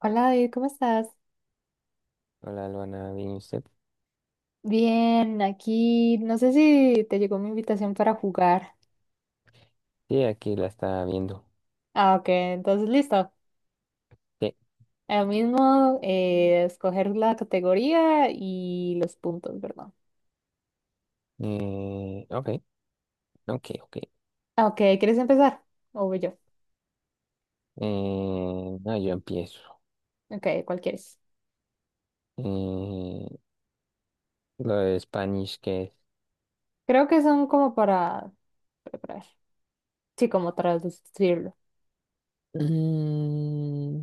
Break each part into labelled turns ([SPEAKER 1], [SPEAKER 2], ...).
[SPEAKER 1] Hola David, ¿cómo estás?
[SPEAKER 2] Hola, Luana, ¿bien y usted?
[SPEAKER 1] Bien, aquí no sé si te llegó mi invitación para jugar.
[SPEAKER 2] Sí, aquí la está viendo.
[SPEAKER 1] Ah, ok, entonces listo.
[SPEAKER 2] Sí.
[SPEAKER 1] Ahora mismo escoger la categoría y los puntos, ¿verdad?
[SPEAKER 2] Ok, ok, ok.
[SPEAKER 1] Ah, ok, ¿quieres empezar? O voy yo.
[SPEAKER 2] No, yo empiezo.
[SPEAKER 1] Ok, ¿cuál quieres?
[SPEAKER 2] Eh, lo de Spanish, ¿qué es?
[SPEAKER 1] Creo que son como para preparar. Sí, como traducirlo.
[SPEAKER 2] Mm,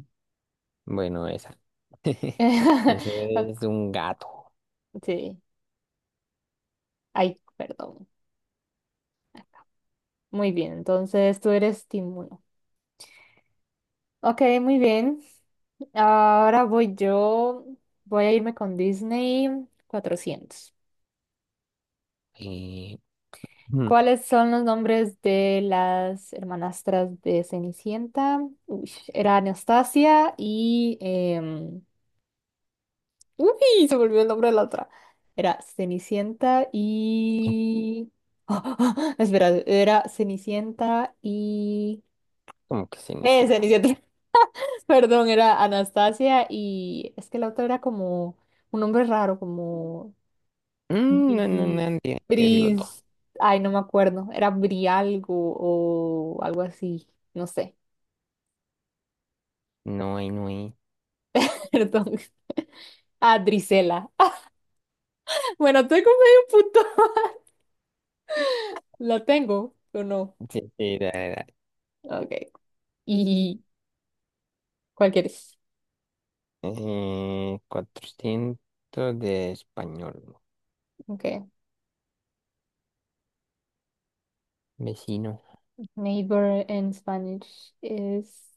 [SPEAKER 2] bueno, esa. Eso es un gato.
[SPEAKER 1] Sí, ay, perdón. Muy bien, entonces tú eres Tim uno. Ok, muy bien. Ahora voy yo. Voy a irme con Disney 400.
[SPEAKER 2] Eh, mm,
[SPEAKER 1] ¿Cuáles son los nombres de las hermanastras de Cenicienta? Uy, era Anastasia y... uy, se volvió el nombre de la otra. Era Cenicienta y... espera, era Cenicienta y...
[SPEAKER 2] Como que Cenicienta.
[SPEAKER 1] Cenicienta. Perdón, era Anastasia y es que la otra era como un nombre raro, como
[SPEAKER 2] No, no,
[SPEAKER 1] Bri-
[SPEAKER 2] no, no, tiene que decir los dos.
[SPEAKER 1] Bris, ay, no me acuerdo, era Bri algo o algo así, no sé,
[SPEAKER 2] No hay, no hay.
[SPEAKER 1] perdón. Ah, Drisela. Bueno, tengo medio punto. ¿La tengo o no?
[SPEAKER 2] Sí, sí, da, da.
[SPEAKER 1] Ok. ¿Y cuál quieres?
[SPEAKER 2] 400 de español.
[SPEAKER 1] Ok.
[SPEAKER 2] Vecino.
[SPEAKER 1] Neighbor en Spanish es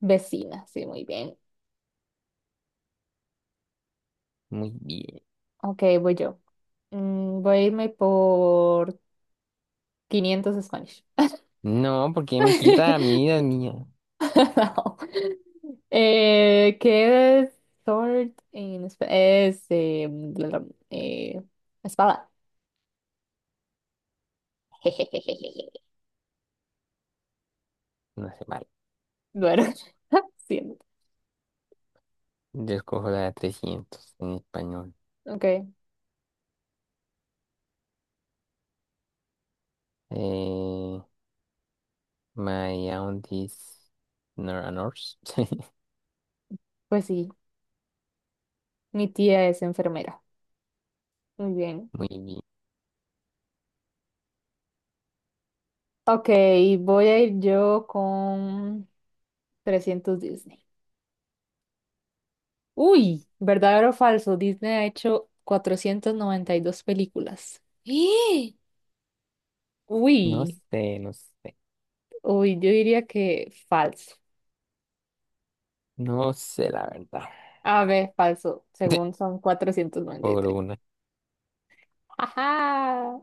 [SPEAKER 1] vecina, sí, muy bien.
[SPEAKER 2] Muy bien.
[SPEAKER 1] Ok, voy yo. Mm, voy a irme por 500 Spanish.
[SPEAKER 2] No, porque me quita a mí, la mía.
[SPEAKER 1] No. ¿Qué es sword en espa- Es bla, bla, eh, espada.
[SPEAKER 2] No sé, vale.
[SPEAKER 1] Bueno, siento.
[SPEAKER 2] Yo escojo la de 300 en español.
[SPEAKER 1] Ok,
[SPEAKER 2] Eh, My aunties nor a nurse.
[SPEAKER 1] pues sí, mi tía es enfermera. Muy bien.
[SPEAKER 2] Muy bien.
[SPEAKER 1] Ok, voy a ir yo con 300 Disney. Uy, ¿verdadero o falso? Disney ha hecho 492 películas. ¡Eh!
[SPEAKER 2] No
[SPEAKER 1] Uy.
[SPEAKER 2] sé, no sé.
[SPEAKER 1] Uy, yo diría que falso.
[SPEAKER 2] No sé la verdad.
[SPEAKER 1] A ver, falso, según son cuatrocientos noventa y
[SPEAKER 2] Por
[SPEAKER 1] tres
[SPEAKER 2] una.
[SPEAKER 1] ¡Ajá!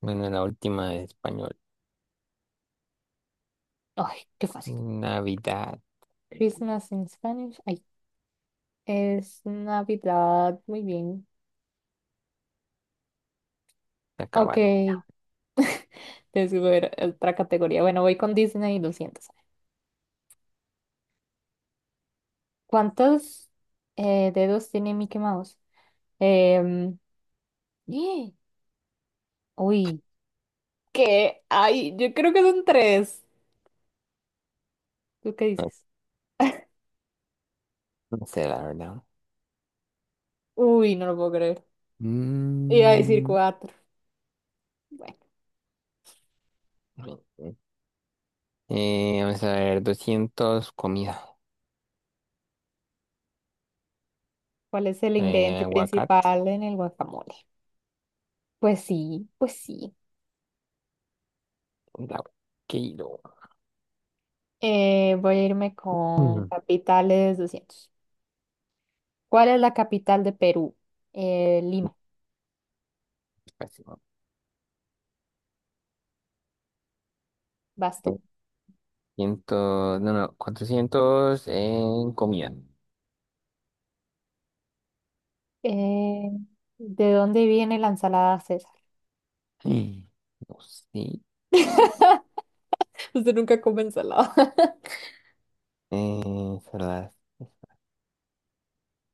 [SPEAKER 2] Bueno, la última de español.
[SPEAKER 1] ¡Ay, qué fácil!
[SPEAKER 2] Navidad.
[SPEAKER 1] Christmas in Spanish. Ay, es Navidad. Muy bien.
[SPEAKER 2] Se
[SPEAKER 1] Ok,
[SPEAKER 2] acabaron.
[SPEAKER 1] te sigo ver otra categoría. Bueno, voy con Disney 200. ¿Cuántos dedos tiene Mickey Mouse? Em, ¡Eh! Uy, ¿qué? Ay, yo creo que son tres. ¿Tú qué
[SPEAKER 2] No,
[SPEAKER 1] dices?
[SPEAKER 2] no sé la verdad.
[SPEAKER 1] Uy, no lo puedo creer. Iba a decir
[SPEAKER 2] Mm,
[SPEAKER 1] cuatro. Bueno,
[SPEAKER 2] Vamos a ver, 200 comida.
[SPEAKER 1] ¿cuál es el ingrediente
[SPEAKER 2] Aguacate.
[SPEAKER 1] principal en el guacamole? Pues sí, pues sí.
[SPEAKER 2] La quiero.
[SPEAKER 1] Voy a irme con capitales 200. ¿Cuál es la capital de Perú? Lima,
[SPEAKER 2] Pésimo.
[SPEAKER 1] vas
[SPEAKER 2] Eh,
[SPEAKER 1] tú.
[SPEAKER 2] Ciento, no, no, 400 en comida.
[SPEAKER 1] Eh, ¿De dónde viene la ensalada César?
[SPEAKER 2] Mm. No sé.
[SPEAKER 1] Usted nunca come ensalada.
[SPEAKER 2] Es verdad.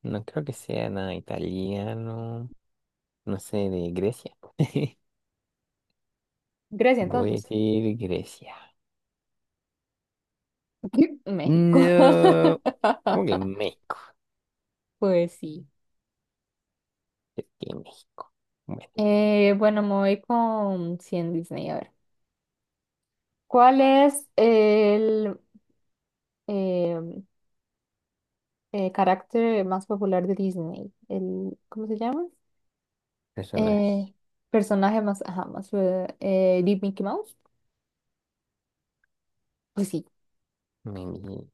[SPEAKER 2] No creo que sea nada italiano. No sé, de Grecia.
[SPEAKER 1] Grecia,
[SPEAKER 2] Voy a
[SPEAKER 1] entonces.
[SPEAKER 2] decir Grecia.
[SPEAKER 1] México.
[SPEAKER 2] No. ¿Cómo que México?
[SPEAKER 1] Pues sí.
[SPEAKER 2] Es que México. Bueno,
[SPEAKER 1] Bueno, me voy con 100 Disney. A ver. ¿Cuál es el, em, carácter más popular de Disney? El, ¿cómo se llama? Eh,
[SPEAKER 2] personaje.
[SPEAKER 1] personaje más, ajá, más, de Mickey Mouse. Pues sí,
[SPEAKER 2] Meni-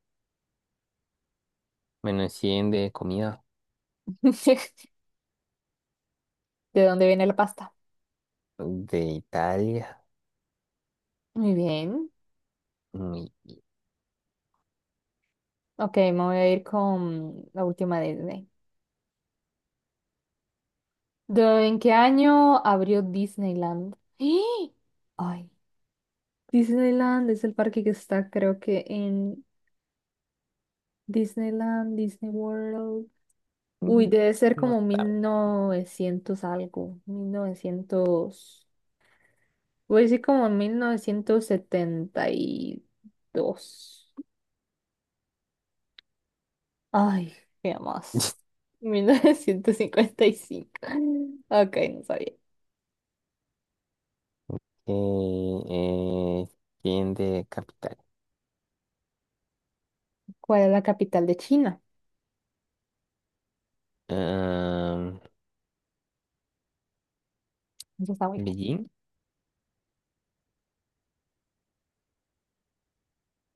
[SPEAKER 2] Menos 100 de comida.
[SPEAKER 1] ¿de dónde viene la pasta?
[SPEAKER 2] De Italia.
[SPEAKER 1] Muy bien.
[SPEAKER 2] Mm,
[SPEAKER 1] Ok, me voy a ir con la última de Disney. ¿De- en qué año abrió Disneyland? ¡Ah! Ay, Disneyland es el parque que está, creo que en Disneyland, Disney World. Uy, debe ser
[SPEAKER 2] No
[SPEAKER 1] como
[SPEAKER 2] sabe.
[SPEAKER 1] 1900 algo, 1900. Voy a decir como en 1972. Ay, qué más. 1955. Ok, no sabía.
[SPEAKER 2] Eh, eh, ¿Quién de capital?
[SPEAKER 1] ¿Cuál es la capital de China?
[SPEAKER 2] Ah,
[SPEAKER 1] Eso está muy fácil.
[SPEAKER 2] ¿Beijing?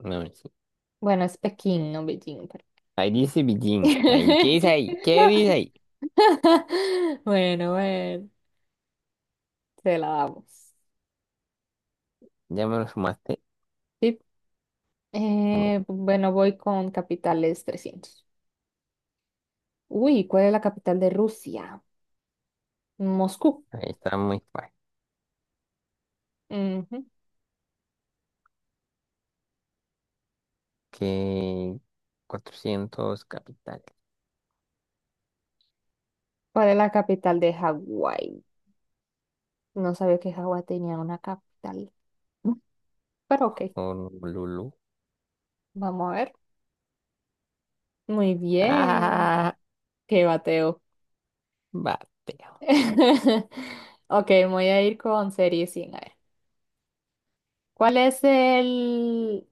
[SPEAKER 2] No, no, sí.
[SPEAKER 1] Bueno, es Pekín, no Beijing, pero-
[SPEAKER 2] Ahí dice Beijing. Ahí, ¿qué dice ahí? ¿Qué dice ahí?
[SPEAKER 1] Bueno, bueno, se la damos.
[SPEAKER 2] Ya me lo sumaste.
[SPEAKER 1] Sí.
[SPEAKER 2] Bueno,
[SPEAKER 1] Bueno, voy con capitales 300. Uy, ¿cuál es la capital de Rusia? Moscú.
[SPEAKER 2] ahí está muy fácil.
[SPEAKER 1] Ujú.
[SPEAKER 2] Que 400 capital.
[SPEAKER 1] ¿Cuál es la capital de Hawái? No sabía que Hawái tenía una capital. Pero ok,
[SPEAKER 2] Honolulu.
[SPEAKER 1] vamos a ver. Muy bien.
[SPEAKER 2] Ah,
[SPEAKER 1] Qué bateo.
[SPEAKER 2] bateo.
[SPEAKER 1] Ok, voy a ir con serie 100. A ver. ¿Cuál es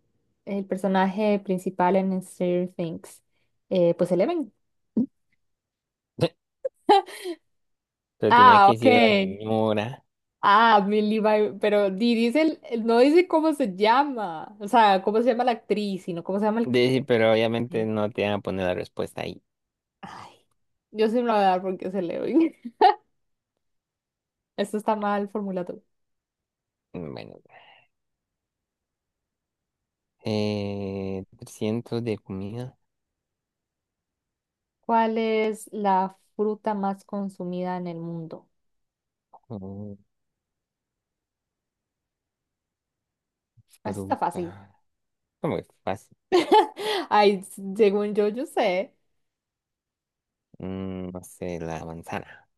[SPEAKER 1] el personaje principal en Stranger Things? Pues Eleven.
[SPEAKER 2] Pero tenía
[SPEAKER 1] Ah,
[SPEAKER 2] que
[SPEAKER 1] ok.
[SPEAKER 2] decir la señora.
[SPEAKER 1] Ah, Millie Bobby- pero dice no dice cómo se llama. O sea, cómo se llama la actriz, sino cómo se llama el...
[SPEAKER 2] Dice, pero obviamente
[SPEAKER 1] eh,
[SPEAKER 2] no te van a poner la respuesta ahí.
[SPEAKER 1] ay, yo sí me lo voy a dar porque es Eleven. Esto está mal formulado.
[SPEAKER 2] Bueno, 300 de comida.
[SPEAKER 1] ¿Cuál es la fruta más consumida en el mundo?
[SPEAKER 2] Oh,
[SPEAKER 1] Esto está fácil.
[SPEAKER 2] fruta. Como que fácil.
[SPEAKER 1] Ay, según yo, yo sé
[SPEAKER 2] No sé, la manzana.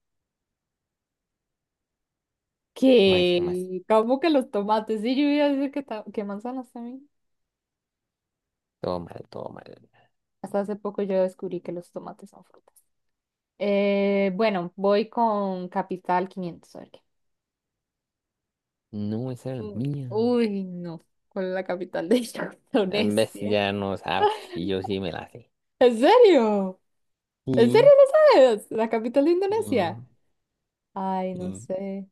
[SPEAKER 2] No dije más.
[SPEAKER 1] que, como que los tomates. Sí, yo iba a decir que, que manzanas también.
[SPEAKER 2] Todo mal, todo mal.
[SPEAKER 1] Hasta hace poco yo descubrí que los tomates son frutas. Bueno, voy con Capital 500. A ver qué.
[SPEAKER 2] No, esa era la
[SPEAKER 1] Mm,
[SPEAKER 2] mía.
[SPEAKER 1] uy, no. ¿Cuál es la capital de
[SPEAKER 2] En vez
[SPEAKER 1] Indonesia?
[SPEAKER 2] ya no sabes. Y yo sí me la sé.
[SPEAKER 1] ¿En serio? ¿En serio
[SPEAKER 2] Sí,
[SPEAKER 1] no sabes? ¿La capital de
[SPEAKER 2] sí,
[SPEAKER 1] Indonesia? Ay, no
[SPEAKER 2] sí.
[SPEAKER 1] sé.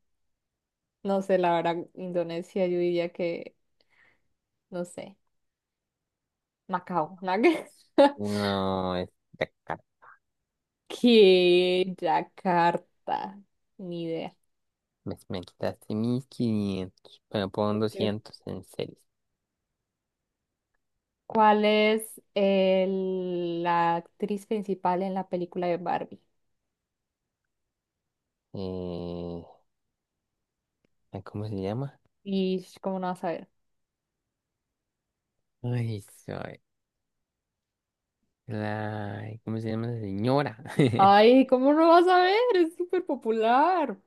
[SPEAKER 1] No sé, la verdad, Indonesia, yo diría que, no sé, Macao, ¿no?
[SPEAKER 2] No, es de acá.
[SPEAKER 1] Que Yakarta, ni idea.
[SPEAKER 2] Me quitaste 1500. Bueno, pon
[SPEAKER 1] Este,
[SPEAKER 2] 200 en series.
[SPEAKER 1] ¿cuál es la actriz principal en la película de Barbie?
[SPEAKER 2] Eh, ¿Cómo se llama?
[SPEAKER 1] Y ¿cómo no vas a ver?
[SPEAKER 2] Ay, soy la. ¿Cómo se llama la señora?
[SPEAKER 1] Ay, ¿cómo no vas a ver? Es súper popular.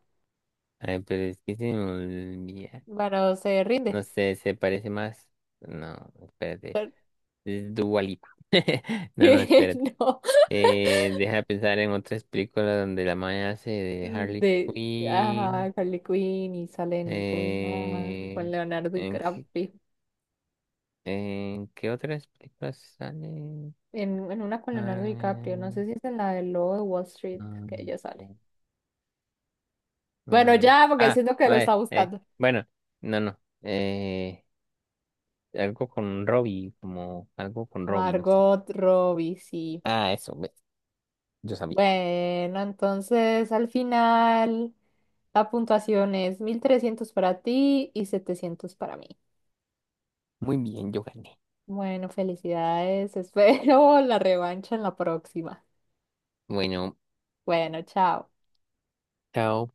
[SPEAKER 2] Ay, pero es que se me olvida.
[SPEAKER 1] Bueno, se rinde.
[SPEAKER 2] No sé, se parece más. No, espérate. Es Dua Lipa. No, no,
[SPEAKER 1] Que
[SPEAKER 2] espérate.
[SPEAKER 1] no,
[SPEAKER 2] Deja de pensar en otras películas donde la maña hace de Harley
[SPEAKER 1] de ajá,
[SPEAKER 2] Quinn.
[SPEAKER 1] Harley Quinn y salen con, con
[SPEAKER 2] Eh,
[SPEAKER 1] Leonardo
[SPEAKER 2] ¿En
[SPEAKER 1] DiCaprio.
[SPEAKER 2] qué, en qué otras películas sale?
[SPEAKER 1] En una con Leonardo DiCaprio, no
[SPEAKER 2] Ah,
[SPEAKER 1] sé si es en la del Lobo de Wall Street,
[SPEAKER 2] ah,
[SPEAKER 1] que ella sale. Bueno,
[SPEAKER 2] ah,
[SPEAKER 1] ya, porque
[SPEAKER 2] ah,
[SPEAKER 1] siento que lo está buscando.
[SPEAKER 2] bueno, no, no. Algo con Robbie, como algo con Robbie, no sé.
[SPEAKER 1] Margot Robbie, sí.
[SPEAKER 2] Ah, eso, ve, yo sabía.
[SPEAKER 1] Bueno, entonces al final la puntuación es 1300 para ti y 700 para mí.
[SPEAKER 2] Muy bien, yo gané.
[SPEAKER 1] Bueno, felicidades, espero la revancha en la próxima.
[SPEAKER 2] Bueno,
[SPEAKER 1] Bueno, chao.
[SPEAKER 2] chao.